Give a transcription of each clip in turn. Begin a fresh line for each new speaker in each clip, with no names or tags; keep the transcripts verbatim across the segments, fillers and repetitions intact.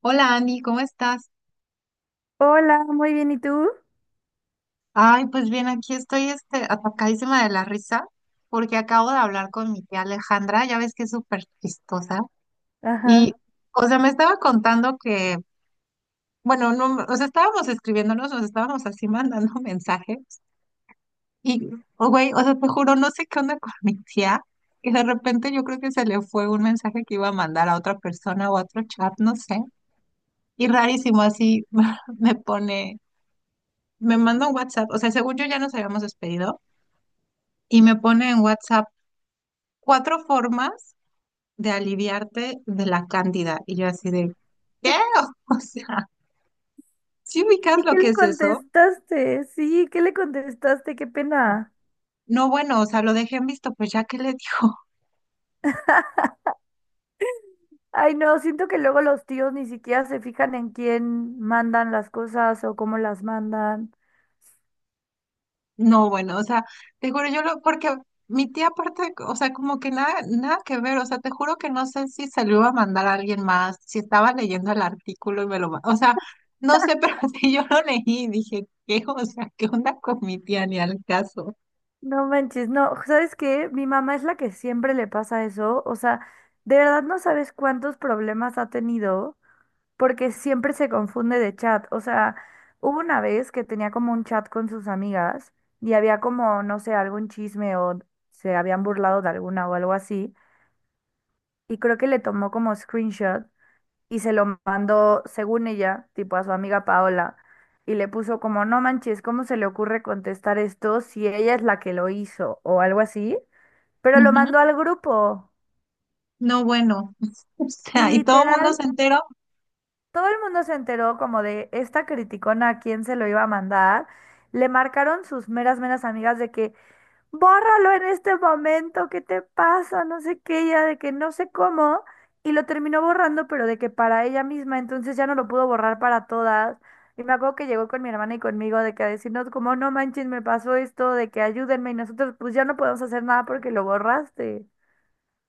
Hola Andy, ¿cómo estás?
Hola, muy bien, ¿y tú?
Ay, pues bien, aquí estoy este, atacadísima de la risa porque acabo de hablar con mi tía Alejandra, ya ves que es súper chistosa. Y,
Ajá.
o sea, me estaba contando que, bueno, no, o sea, estábamos escribiéndonos, nos estábamos así mandando mensajes. Y, oh, güey, o sea, te juro, no sé qué onda con mi tía. Y de repente yo creo que se le fue un mensaje que iba a mandar a otra persona o a otro chat, no sé. Y rarísimo, así me pone, me manda un WhatsApp. O sea, según yo ya nos habíamos despedido y me pone en WhatsApp cuatro formas de aliviarte de la cándida. Y yo así de, ¿qué? O sea, ¿si ubicas
¿Y
lo
qué
que
le
es eso?
contestaste? Sí, ¿qué le contestaste? Qué pena.
No, bueno, o sea, lo dejé en visto, pues ya que le dijo.
Ay, no, siento que luego los tíos ni siquiera se fijan en quién mandan las cosas o cómo las mandan.
No, bueno, o sea, te juro, yo lo, porque mi tía aparte, o sea, como que nada, nada que ver, o sea, te juro que no sé si se lo iba a mandar a alguien más, si estaba leyendo el artículo y me lo, ma- o sea, no sé, pero si yo lo leí y dije, ¿qué? O sea, ¿qué onda con mi tía? Ni al caso.
No manches, no, ¿sabes qué? Mi mamá es la que siempre le pasa eso. O sea, de verdad no sabes cuántos problemas ha tenido, porque siempre se confunde de chat. O sea, hubo una vez que tenía como un chat con sus amigas y había como, no sé, algún chisme o se habían burlado de alguna o algo así. Y creo que le tomó como screenshot y se lo mandó, según ella, tipo a su amiga Paola. Y le puso como, no manches, ¿cómo se le ocurre contestar esto si ella es la que lo hizo o algo así? Pero lo mandó al grupo.
No, bueno, o
Y
sea, y todo el mundo se
literal,
enteró.
todo el mundo se enteró como de esta criticona a quién se lo iba a mandar. Le marcaron sus meras, meras amigas de que, bórralo en este momento, ¿qué te pasa? No sé qué, ya de que no sé cómo. Y lo terminó borrando, pero de que para ella misma, entonces ya no lo pudo borrar para todas. Y me acuerdo que llegó con mi hermana y conmigo de que a decirnos como, no manches, me pasó esto, de que ayúdenme y nosotros pues ya no podemos hacer nada porque lo borraste.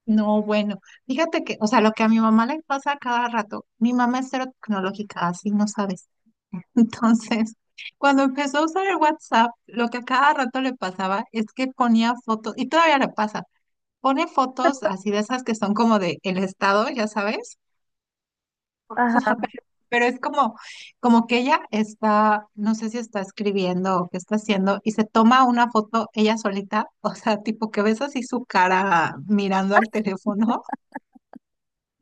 No, bueno, fíjate que, o sea, lo que a mi mamá le pasa a cada rato, mi mamá es cero tecnológica, así no sabes. Entonces, cuando empezó a usar el WhatsApp, lo que a cada rato le pasaba es que ponía fotos, y todavía le pasa, pone fotos así de esas que son como de el estado, ya sabes.
Ajá.
Pero, pero es como, como que ella está, no sé si está escribiendo o qué está haciendo, y se toma una foto ella solita, o sea, tipo que ves así su cara mirando al teléfono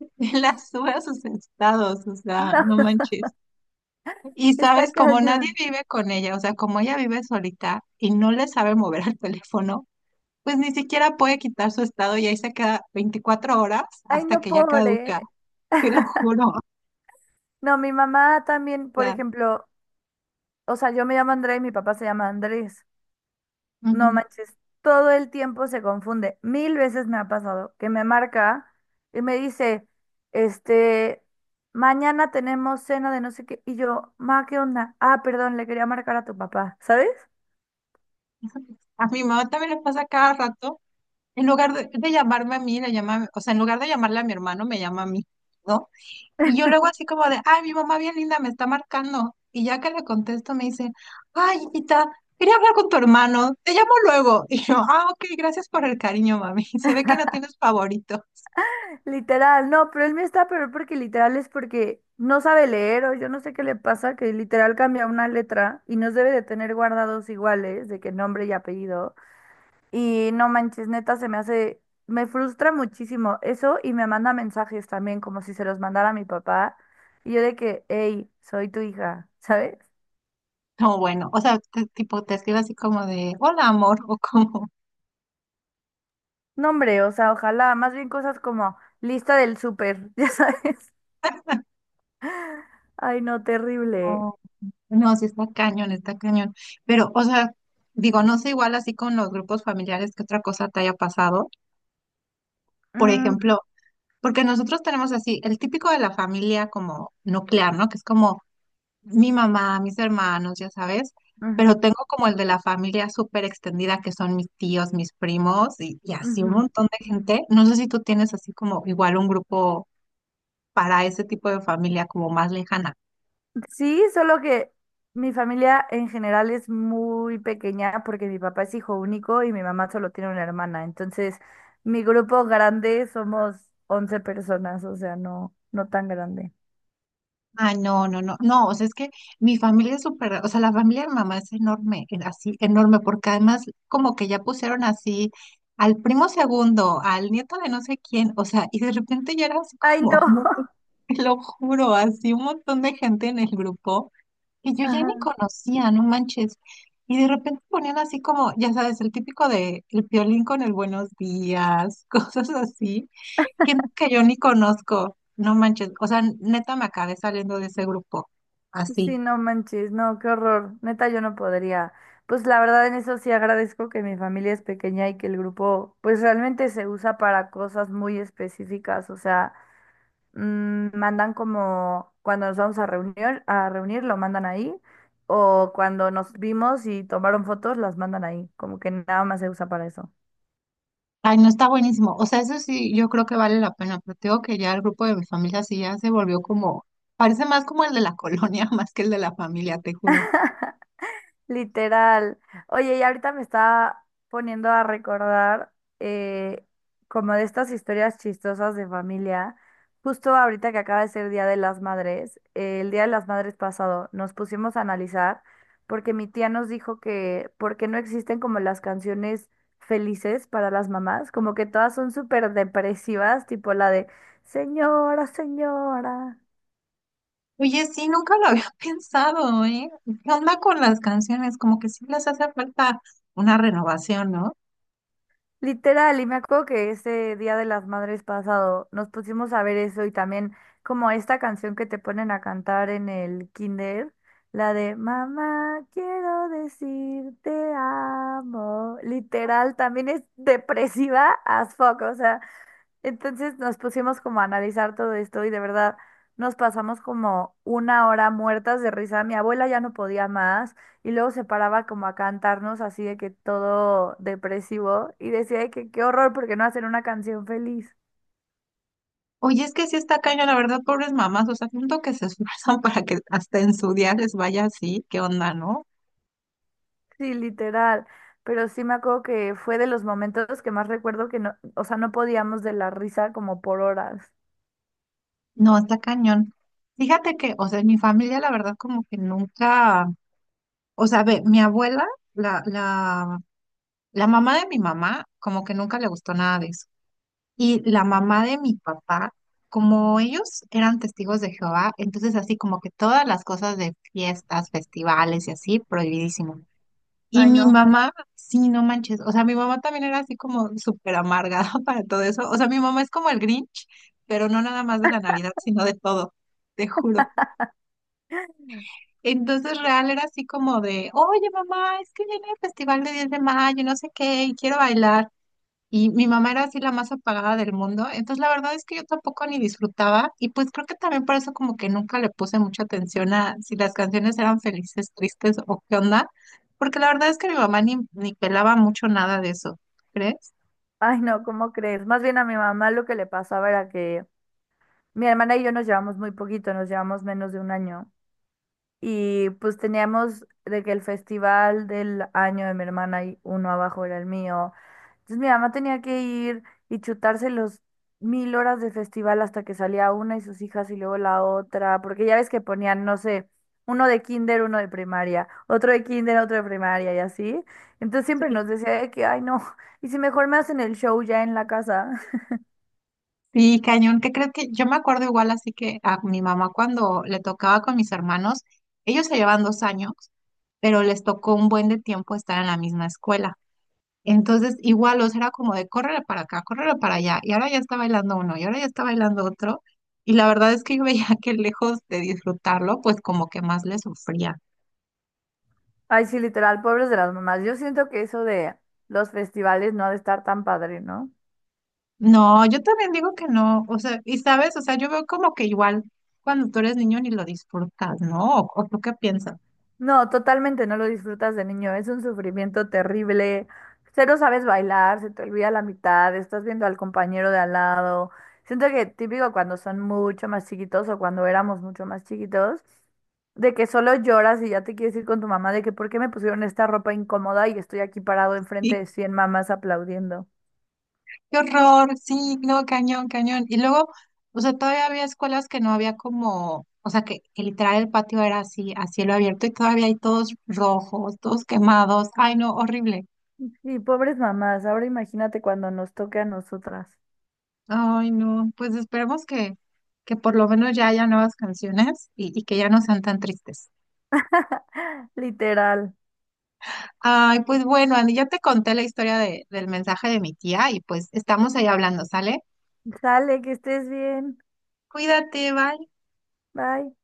y la sube a sus estados, o sea,
No,
no manches. Y
está
sabes, como nadie
cañón.
vive con ella, o sea, como ella vive solita y no le sabe mover al teléfono, pues ni siquiera puede quitar su estado y ahí se queda veinticuatro horas
Ay,
hasta
no,
que ya caduca,
pobre.
te lo juro, o
No, mi mamá también, por
sea.
ejemplo, o sea, yo me llamo Andrea y mi papá se llama Andrés. No
Ujú.
manches, todo el tiempo se confunde. Mil veces me ha pasado que me marca y me dice, este, mañana tenemos cena de no sé qué. Y yo, ma, ¿qué onda? Ah, perdón, le quería marcar a tu papá, ¿sabes?
A mi mamá también le pasa cada rato. En lugar de, de llamarme a mí, le llama, a mi- o sea, en lugar de llamarle a mi hermano, me llama a mí, ¿no? Y yo luego así como de, ay, mi mamá bien linda me está marcando. Y ya que le contesto, me dice, ay, hijita, quería hablar con tu hermano, te llamo luego. Y yo, ah, ok, gracias por el cariño, mami. Se ve que no tienes favorito.
Literal, no, pero él me está peor porque literal es porque no sabe leer o yo no sé qué le pasa, que literal cambia una letra y nos debe de tener guardados iguales de que nombre y apellido. Y no manches, neta, se me hace, me frustra muchísimo eso y me manda mensajes también, como si se los mandara a mi papá. Y yo de que, hey, soy tu hija. ¿Sabes?
No, bueno, o sea, te- tipo, te escribe así como de, hola, amor, o como,
No, hombre, o sea, ojalá, más bien cosas como lista del súper. Ya sabes. Ay, no, terrible.
no, sí está cañón, está cañón. Pero, o sea, digo, no sé igual así con los grupos familiares que otra cosa te haya pasado. Por
Mm,
ejemplo, porque nosotros tenemos así el típico de la familia como nuclear, ¿no? Que es como mi mamá, mis hermanos, ya sabes. Pero
ujú,
tengo como el de la familia súper extendida, que son mis tíos, mis primos y, y así un
ujú.
montón de gente. No sé si tú tienes así como igual un grupo para ese tipo de familia como más lejana.
Sí, solo que mi familia en general es muy pequeña porque mi papá es hijo único y mi mamá solo tiene una hermana. Entonces, mi grupo grande somos once personas, o sea, no, no tan grande.
Ah, no, no, no, no, o sea, es que mi familia es súper, o sea, la familia de mi mamá es enorme, en- así, enorme, porque además como que ya pusieron así al primo segundo, al nieto de no sé quién, o sea, y de repente ya era así
Ay, no.
como, un montón, te lo juro, así un montón de gente en el grupo que yo ya ni
Ajá.
conocía, no manches, y de repente ponían así como, ya sabes, el típico de el piolín con el buenos días, cosas así. Gente que yo ni conozco, no manches, o sea, neta me acabé saliendo de ese grupo, así.
Sí, no manches, no, qué horror. Neta, yo no podría. Pues la verdad en eso sí agradezco que mi familia es pequeña y que el grupo pues realmente se usa para cosas muy específicas. O sea, mm, mandan como cuando nos vamos a reunir, a reunir lo mandan ahí, o cuando nos vimos y tomaron fotos, las mandan ahí, como que nada más se usa para eso.
Ay, no, está buenísimo, o sea, eso sí, yo creo que vale la pena, pero tengo que ya el grupo de mi familia sí ya se volvió como, parece más como el de la colonia, más que el de la familia, te juro.
Literal. Oye, y ahorita me está poniendo a recordar eh, como de estas historias chistosas de familia. Justo ahorita que acaba de ser Día de las Madres, eh, el Día de las Madres pasado, nos pusimos a analizar porque mi tía nos dijo que porque no existen como las canciones felices para las mamás, como que todas son súper depresivas, tipo la de Señora, señora.
Oye, sí, nunca lo había pensado, ¿eh? ¿Qué onda con las canciones? Como que sí les hace falta una renovación, ¿no?
Literal, y me acuerdo que ese Día de las Madres pasado nos pusimos a ver eso y también como esta canción que te ponen a cantar en el kinder, la de Mamá, quiero decir te amo. Literal, también es depresiva as fuck, o sea, entonces nos pusimos como a analizar todo esto y de verdad nos pasamos como una hora muertas de risa. Mi abuela ya no podía más y luego se paraba como a cantarnos así de que todo depresivo y decía de que qué horror porque no hacer una canción feliz.
Oye, es que sí está cañón, la verdad, pobres mamás, o sea, siento que se esfuerzan para que hasta en su día les vaya así, ¿qué onda, no?
Sí, literal. Pero sí me acuerdo que fue de los momentos que más recuerdo que no, o sea, no podíamos de la risa como por horas.
No, está cañón. Fíjate que, o sea, en mi familia, la verdad, como que nunca, o sea, ve, mi abuela, la, la, la mamá de mi mamá, como que nunca le gustó nada de eso. Y la mamá de mi papá, como ellos eran testigos de Jehová, entonces así como que todas las cosas de fiestas, festivales y así, prohibidísimo. Y
Ay,
mi
no.
mamá, sí, no manches, o sea, mi mamá también era así como súper amargada para todo eso. O sea, mi mamá es como el Grinch, pero no nada más de la Navidad, sino de todo, te juro. Entonces real era así como de, oye mamá, es que viene el festival de diez de mayo, y no sé qué, y quiero bailar. Y mi mamá era así la más apagada del mundo. Entonces la verdad es que yo tampoco ni disfrutaba. Y pues creo que también por eso como que nunca le puse mucha atención a si las canciones eran felices, tristes o qué onda. Porque la verdad es que mi mamá ni, ni pelaba mucho nada de eso, ¿crees?
Ay, no, ¿cómo crees? Más bien a mi mamá lo que le pasaba era que mi hermana y yo nos llevamos muy poquito, nos llevamos menos de un año. Y pues teníamos de que el festival del año de mi hermana y uno abajo era el mío. Entonces mi mamá tenía que ir y chutarse los mil horas de festival hasta que salía una y sus hijas y luego la otra, porque ya ves que ponían, no sé, uno de kinder, uno de primaria, otro de kinder, otro de primaria y así. Entonces siempre nos decía de que, ay no, y si mejor me hacen el show ya en la casa.
Sí, cañón, ¿qué crees? Que yo me acuerdo igual así que a mi mamá cuando le tocaba con mis hermanos, ellos se llevan dos años, pero les tocó un buen de tiempo estar en la misma escuela. Entonces, igual, o sea, era como de córrele para acá, córrele para allá, y ahora ya está bailando uno, y ahora ya está bailando otro, y la verdad es que yo veía que lejos de disfrutarlo, pues como que más le sufría.
Ay sí, literal, pobres de las mamás. Yo siento que eso de los festivales no ha de estar tan padre, ¿no?
No, yo también digo que no, o sea, y sabes, o sea, yo veo como que igual cuando tú eres niño ni lo disfrutas, ¿no? ¿O, o tú qué piensas?
No, totalmente no lo disfrutas de niño, es un sufrimiento terrible, cero sabes bailar, se te olvida la mitad, estás viendo al compañero de al lado. Siento que típico cuando son mucho más chiquitos o cuando éramos mucho más chiquitos, de que solo lloras y ya te quieres ir con tu mamá de que por qué me pusieron esta ropa incómoda y estoy aquí parado enfrente de cien mamás aplaudiendo.
Qué horror, sí, no, cañón, cañón. Y luego, o sea, todavía había escuelas que no había como, o sea, que, que literal el patio era así, a cielo abierto y todavía hay todos rojos, todos quemados. Ay, no, horrible.
Y pobres mamás, ahora imagínate cuando nos toque a nosotras.
Ay, no, pues esperemos que, que por lo menos ya haya nuevas canciones y, y que ya no sean tan tristes.
Literal.
Ay, pues bueno, Andy, ya te conté la historia de- del mensaje de mi tía y pues estamos ahí hablando, ¿sale?
Sale, que estés bien.
Cuídate, bye.
Bye.